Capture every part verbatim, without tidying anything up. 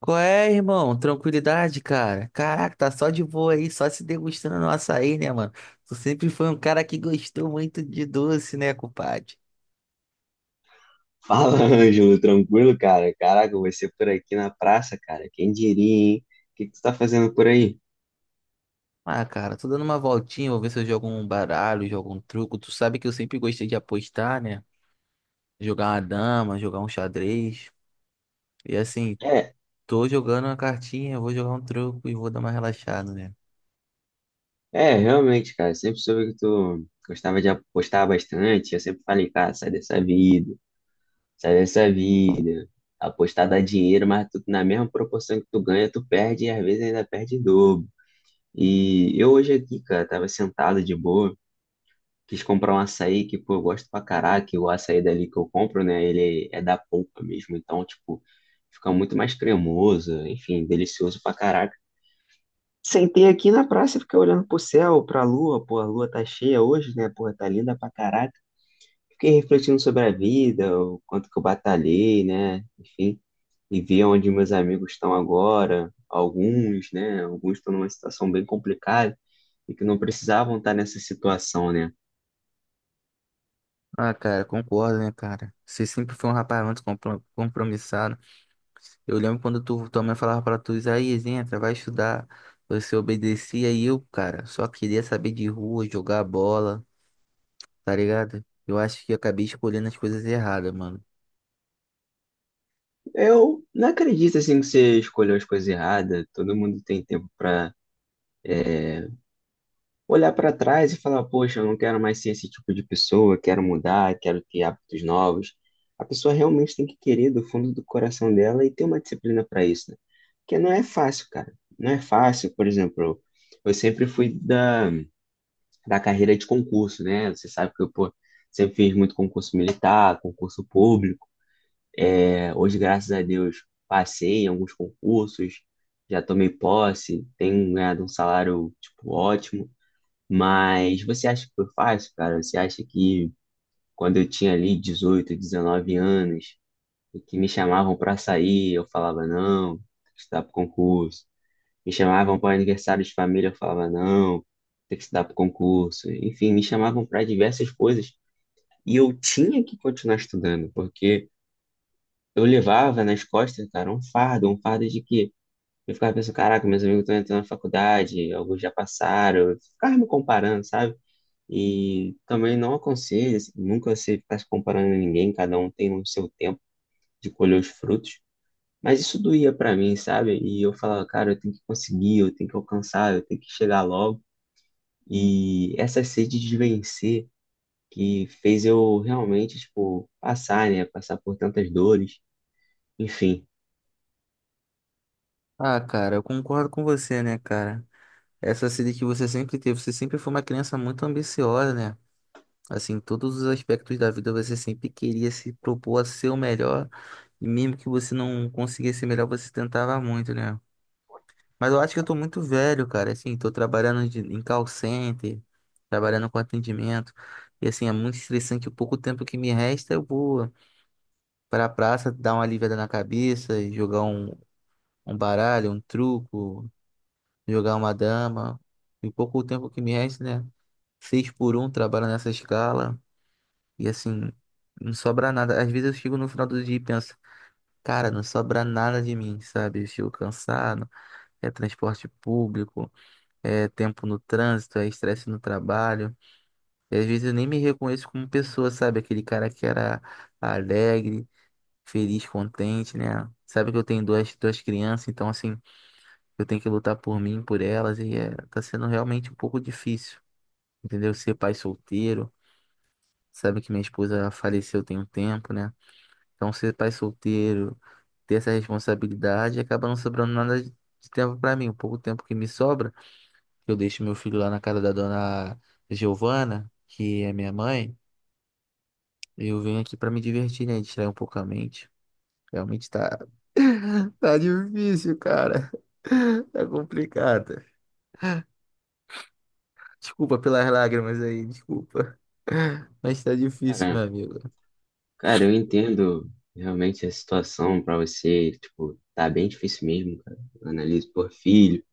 Qual é, irmão? Tranquilidade, cara. Caraca, tá só de boa aí, só se degustando no açaí, né, mano? Tu sempre foi um cara que gostou muito de doce, né, compadre? Fala, Ângelo, tranquilo, cara? Caraca, vai ser por aqui na praça, cara. Quem diria, hein? O que que tu tá fazendo por aí? Ah, cara, tô dando uma voltinha, vou ver se eu jogo um baralho, jogo um truco. Tu sabe que eu sempre gostei de apostar, né? Jogar uma dama, jogar um xadrez. E assim, É, tô jogando uma cartinha, vou jogar um truco e vou dar uma relaxada, né? é, realmente, cara. Sempre soube que tu gostava de apostar bastante. Eu sempre falei, cara, sai dessa vida, sai dessa vida. Apostar dá dinheiro, mas tu, na mesma proporção que tu ganha, tu perde e às vezes ainda perde em dobro. E eu hoje aqui, cara, tava sentado de boa. Quis comprar um açaí que, pô, eu gosto pra caraca, e o açaí dali que eu compro, né? Ele é da polpa mesmo, então, tipo, fica muito mais cremoso, enfim, delicioso pra caraca. Sentei aqui na praça, fiquei olhando pro céu, pra lua, pô, a lua tá cheia hoje, né? Porra, tá linda pra caraca. Fiquei refletindo sobre a vida, o quanto que eu batalhei, né? Enfim, e vi onde meus amigos estão agora, alguns, né? Alguns estão numa situação bem complicada e que não precisavam estar nessa situação, né? Ah, cara, concordo, né, cara? Você sempre foi um rapaz muito compro- compromissado. Eu lembro quando tu, tua mãe falava pra tu, Isaías, entra, vai estudar. Você obedecia e eu, cara, só queria saber de rua, jogar bola, tá ligado? Eu acho que eu acabei escolhendo as coisas erradas, mano. Eu não acredito assim que você escolheu as coisas erradas. Todo mundo tem tempo pra olhar pra trás e falar, poxa, eu não quero mais ser esse tipo de pessoa, quero mudar, quero ter hábitos novos. A pessoa realmente tem que querer do fundo do coração dela e ter uma disciplina pra isso, né? Porque não é fácil, cara. Não é fácil, por exemplo, eu sempre fui da, da carreira de concurso, né? Você sabe que eu, pô, sempre fiz muito concurso militar, concurso público. É, hoje, graças a Deus, passei em alguns concursos, já tomei posse, tenho ganhado um salário, tipo, ótimo. Mas você acha que foi fácil, cara? Você acha que quando eu tinha ali dezoito, dezenove anos, e que me chamavam pra sair, eu falava não, tem que estudar pro concurso. Me chamavam para aniversário de família, eu falava não, tem que estudar pro concurso. Enfim, me chamavam para diversas coisas e eu tinha que continuar estudando, porque eu levava nas costas, cara, um fardo, um fardo de que eu ficava pensando, caraca, meus amigos estão entrando na faculdade, alguns já passaram, eu ficava me comparando, sabe? E também não aconselho, assim, nunca você ficar se comparando a ninguém, cada um tem o seu tempo de colher os frutos, mas isso doía pra mim, sabe? E eu falava, cara, eu tenho que conseguir, eu tenho que alcançar, eu tenho que chegar logo. E essa sede de vencer que fez eu realmente, tipo, passar, né? Passar por tantas dores, enfim. Ah, cara, eu concordo com você, né, cara? Essa sede que você sempre teve, você sempre foi uma criança muito ambiciosa, né? Assim, em todos os aspectos da vida você sempre queria se propor a ser o melhor, e mesmo que você não conseguisse ser melhor, você tentava muito, né? Mas eu acho que eu tô muito velho, cara. Assim, tô trabalhando de- em call center, trabalhando com atendimento. E assim, é muito estressante. O pouco tempo que me resta, eu vou pra praça dar uma aliviada na cabeça, e jogar um, um baralho, um truco, jogar uma dama. E o pouco tempo que me resta, né? Seis por um, trabalho nessa escala. E assim, não sobra nada. Às vezes eu chego no final do dia e penso, cara, não sobra nada de mim, sabe? Eu chego cansado, é transporte público. É tempo no trânsito, é estresse no trabalho. E às vezes eu nem me reconheço como pessoa, sabe? Aquele cara que era alegre, feliz, contente, né? Sabe que eu tenho duas, duas crianças, então assim, eu tenho que lutar por mim, por elas, e é, tá sendo realmente um pouco difícil, entendeu? Ser pai solteiro, sabe que minha esposa faleceu tem um tempo, né? Então ser pai solteiro, ter essa responsabilidade, acaba não sobrando nada de de tempo pra mim. O pouco tempo que me sobra, eu deixo meu filho lá na casa da dona Giovana, que é minha mãe. E eu venho aqui pra me divertir, né? Distrair um pouco a mente. Realmente tá, tá difícil, cara. Tá complicado. Desculpa pelas lágrimas aí, desculpa. Mas tá difícil, Cara, meu amigo. Cara, eu entendo realmente a situação pra você, tipo, tá bem difícil mesmo, cara. Analise por filho,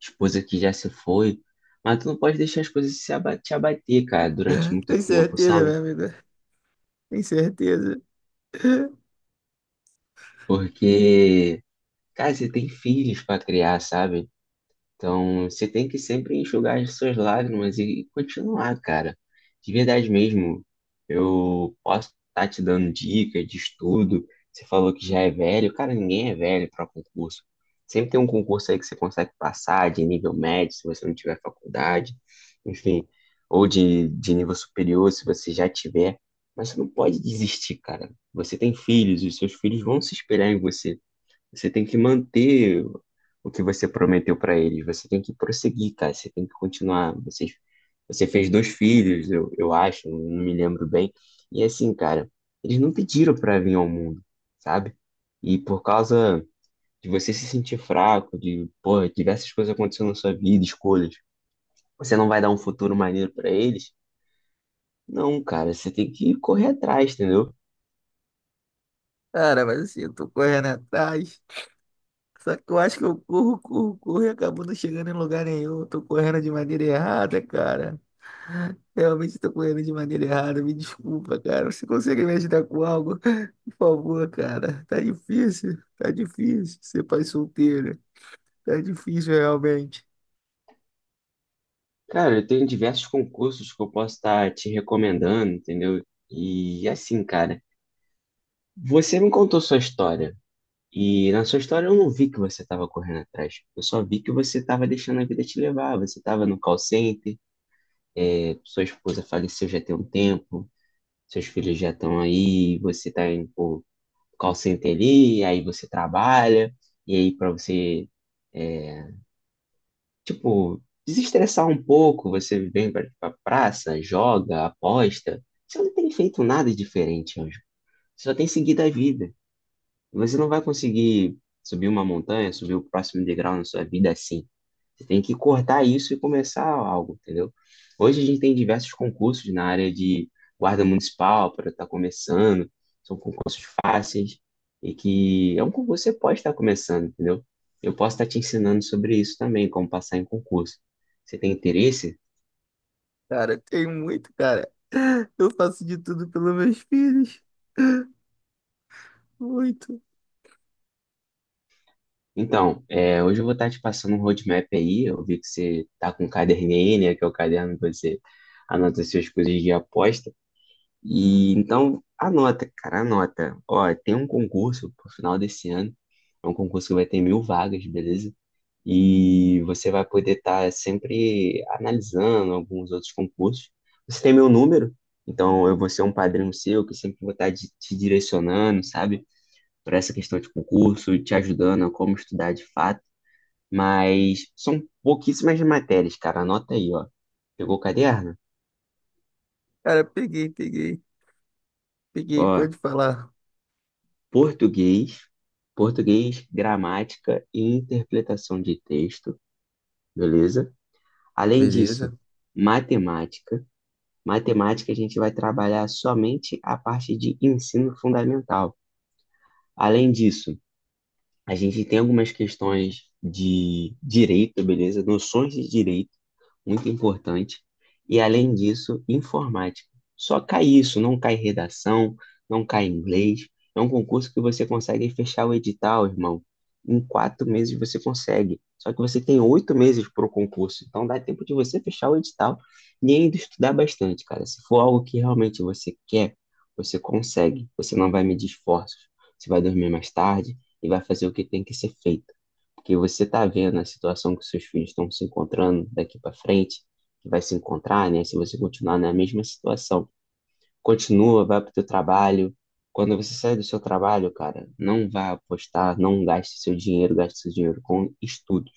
esposa que já se foi, mas tu não pode deixar as coisas se aba- te abater, cara, durante muito Tem tempo, certeza, sabe? meu amigo? Tem certeza. Porque, cara, você tem filhos pra criar, sabe? Então, você tem que sempre enxugar as suas lágrimas e continuar, cara. De verdade mesmo, eu posso estar te dando dicas de estudo. Você falou que já é velho. Cara, ninguém é velho para concurso. Sempre tem um concurso aí que você consegue passar de nível médio, se você não tiver faculdade, enfim, ou de, de nível superior, se você já tiver. Mas você não pode desistir, cara. Você tem filhos, os seus filhos vão se esperar em você. Você tem que manter o que você prometeu para eles. Você tem que prosseguir, cara. Você tem que continuar. Você, você fez dois filhos, eu, eu acho, não me lembro bem. E assim, cara, eles não pediram para vir ao mundo, sabe? E por causa de você se sentir fraco, de, porra, diversas coisas acontecendo na sua vida, escolhas, você não vai dar um futuro maneiro para eles? Não, cara, você tem que correr atrás, entendeu? Cara, mas assim, eu tô correndo atrás. Só que eu acho que eu corro, corro, corro e acabo não chegando em lugar nenhum. Eu tô correndo de maneira errada, cara. Realmente estou correndo de maneira errada. Me desculpa, cara. Você consegue me ajudar com algo? Por favor, cara. Tá difícil. Tá difícil ser pai solteiro. Tá difícil, realmente. Cara, eu tenho diversos concursos que eu posso estar te recomendando, entendeu? E assim, cara, você me contou sua história. E na sua história eu não vi que você estava correndo atrás. Eu só vi que você estava deixando a vida te levar. Você estava no call center, eh, sua esposa faleceu já tem um tempo, seus filhos já estão aí, você está indo pro call center ali, aí você trabalha, e aí para você. é, Tipo, desestressar um pouco, você vem pra, pra praça, joga, aposta. Você não tem feito nada diferente, Anjo. Você só tem seguido a vida. Você não vai conseguir subir uma montanha, subir o próximo degrau na sua vida assim. Você tem que cortar isso e começar algo, entendeu? Hoje a gente tem diversos concursos na área de guarda municipal para estar começando. São concursos fáceis e que é um concurso que você pode estar começando, entendeu? Eu posso estar te ensinando sobre isso também, como passar em concurso. Você tem interesse? Cara, tem muito, cara. Eu faço de tudo pelos meus filhos. Muito. Então, é, hoje eu vou estar te passando um roadmap aí. Eu vi que você está com um caderninho, aí, né, que é o caderno que você anota as suas coisas de aposta. E então, anota, cara, anota. Ó, tem um concurso pro final desse ano. É um concurso que vai ter mil vagas, beleza? E você vai poder estar sempre analisando alguns outros concursos. Você tem meu número, então eu vou ser um padrinho seu que sempre vou estar te te direcionando, sabe? Para essa questão de concurso, te ajudando a como estudar de fato. Mas são pouquíssimas matérias, cara. Anota aí, ó. Pegou o caderno? Cara, peguei, peguei. Peguei, Ó, pode falar. português, português, gramática e interpretação de texto, beleza? Além disso, Beleza? matemática. Matemática a gente vai trabalhar somente a parte de ensino fundamental. Além disso, a gente tem algumas questões de direito, beleza? Noções de direito. Muito importante. E além disso, informática. Só cai isso, não cai redação, não cai inglês. É um concurso que você consegue fechar o edital, irmão. Em quatro meses você consegue. Só que você tem oito meses para o concurso. Então dá tempo de você fechar o edital e ainda estudar bastante, cara. Se for algo que realmente você quer, você consegue. Você não vai medir esforços. Você vai dormir mais tarde e vai fazer o que tem que ser feito. Porque você tá vendo a situação que seus filhos estão se encontrando daqui para frente, que vai se encontrar, né? Se você continuar na mesma situação. Continua, vai pro teu trabalho. Quando você sai do seu trabalho, cara, não vá apostar, não gaste seu dinheiro, gaste seu dinheiro com estudos.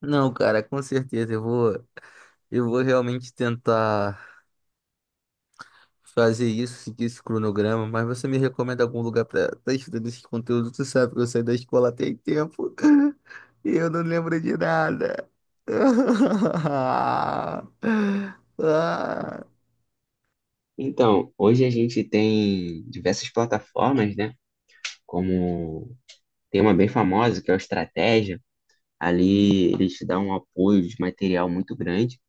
Não, cara, com certeza. Eu vou, eu vou realmente tentar fazer isso, seguir esse cronograma, mas você me recomenda algum lugar para estar estudando esse conteúdo? Você sabe que eu saí da escola tem tempo e eu não lembro de nada. Ah, Então, hoje a gente tem diversas plataformas, né? Como tem uma bem famosa, que é o Estratégia. Ali eles te dão um apoio de material muito grande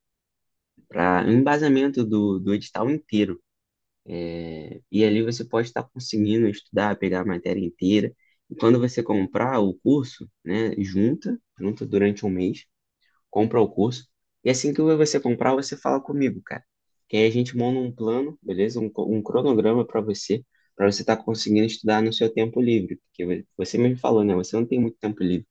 para o embasamento do, do edital inteiro. E ali você pode estar conseguindo estudar, pegar a matéria inteira. E quando você comprar o curso, né, junta, junta durante um mês, compra o curso. E assim que você comprar, você fala comigo, cara. Que aí a gente monta um plano, beleza? Um, co- um cronograma para você, para você estar conseguindo estudar no seu tempo livre. Porque você mesmo falou, né? Você não tem muito tempo livre.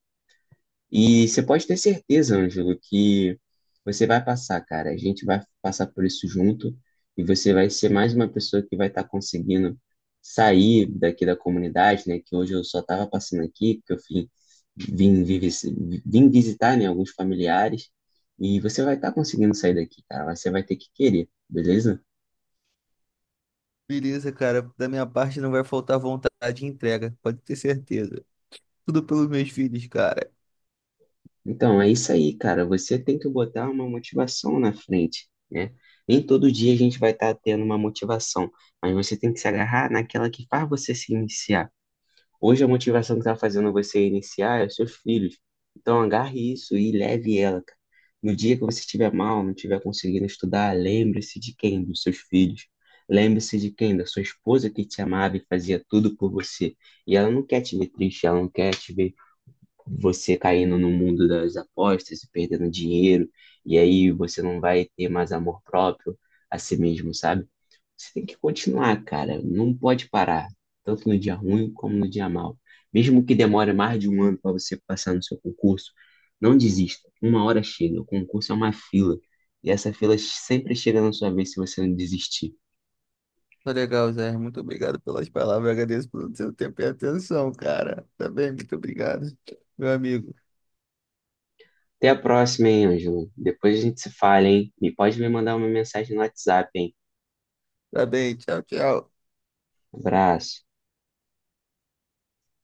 E você pode ter certeza, Ângelo, que você vai passar, cara. A gente vai passar por isso junto e você vai ser mais uma pessoa que vai estar conseguindo sair daqui da comunidade, né? Que hoje eu só estava passando aqui, porque eu vim, vim, vi- vi- vim visitar, né, alguns familiares. E você vai estar conseguindo sair daqui, cara. Mas você vai ter que querer, beleza? beleza, cara. Da minha parte não vai faltar vontade de entrega, pode ter certeza. Tudo pelos meus filhos, cara. Então, é isso aí, cara. Você tem que botar uma motivação na frente, né? Nem todo dia a gente vai estar tendo uma motivação, mas você tem que se agarrar naquela que faz você se iniciar. Hoje a motivação que está fazendo você iniciar é os seus filhos. Então, agarre isso e leve ela, cara. No dia que você estiver mal, não estiver conseguindo estudar, lembre-se de quem? Dos seus filhos. Lembre-se de quem? Da sua esposa que te amava e fazia tudo por você. E ela não quer te ver triste, ela não quer te ver você caindo no mundo das apostas e perdendo dinheiro, e aí você não vai ter mais amor próprio a si mesmo, sabe? Você tem que continuar, cara, não pode parar, tanto no dia ruim como no dia mal. Mesmo que demore mais de um ano para você passar no seu concurso, não desista, uma hora chega, o concurso é uma fila, e essa fila sempre chega na sua vez se você não desistir. Tá legal, Zé. Muito obrigado pelas palavras. Agradeço pelo seu tempo e atenção, cara. Tá bem? Muito obrigado, meu amigo. Até a próxima, hein, Ângelo? Depois a gente se fala, hein? E pode me mandar uma mensagem no WhatsApp, hein? Tá bem. Tchau, tchau. Abraço.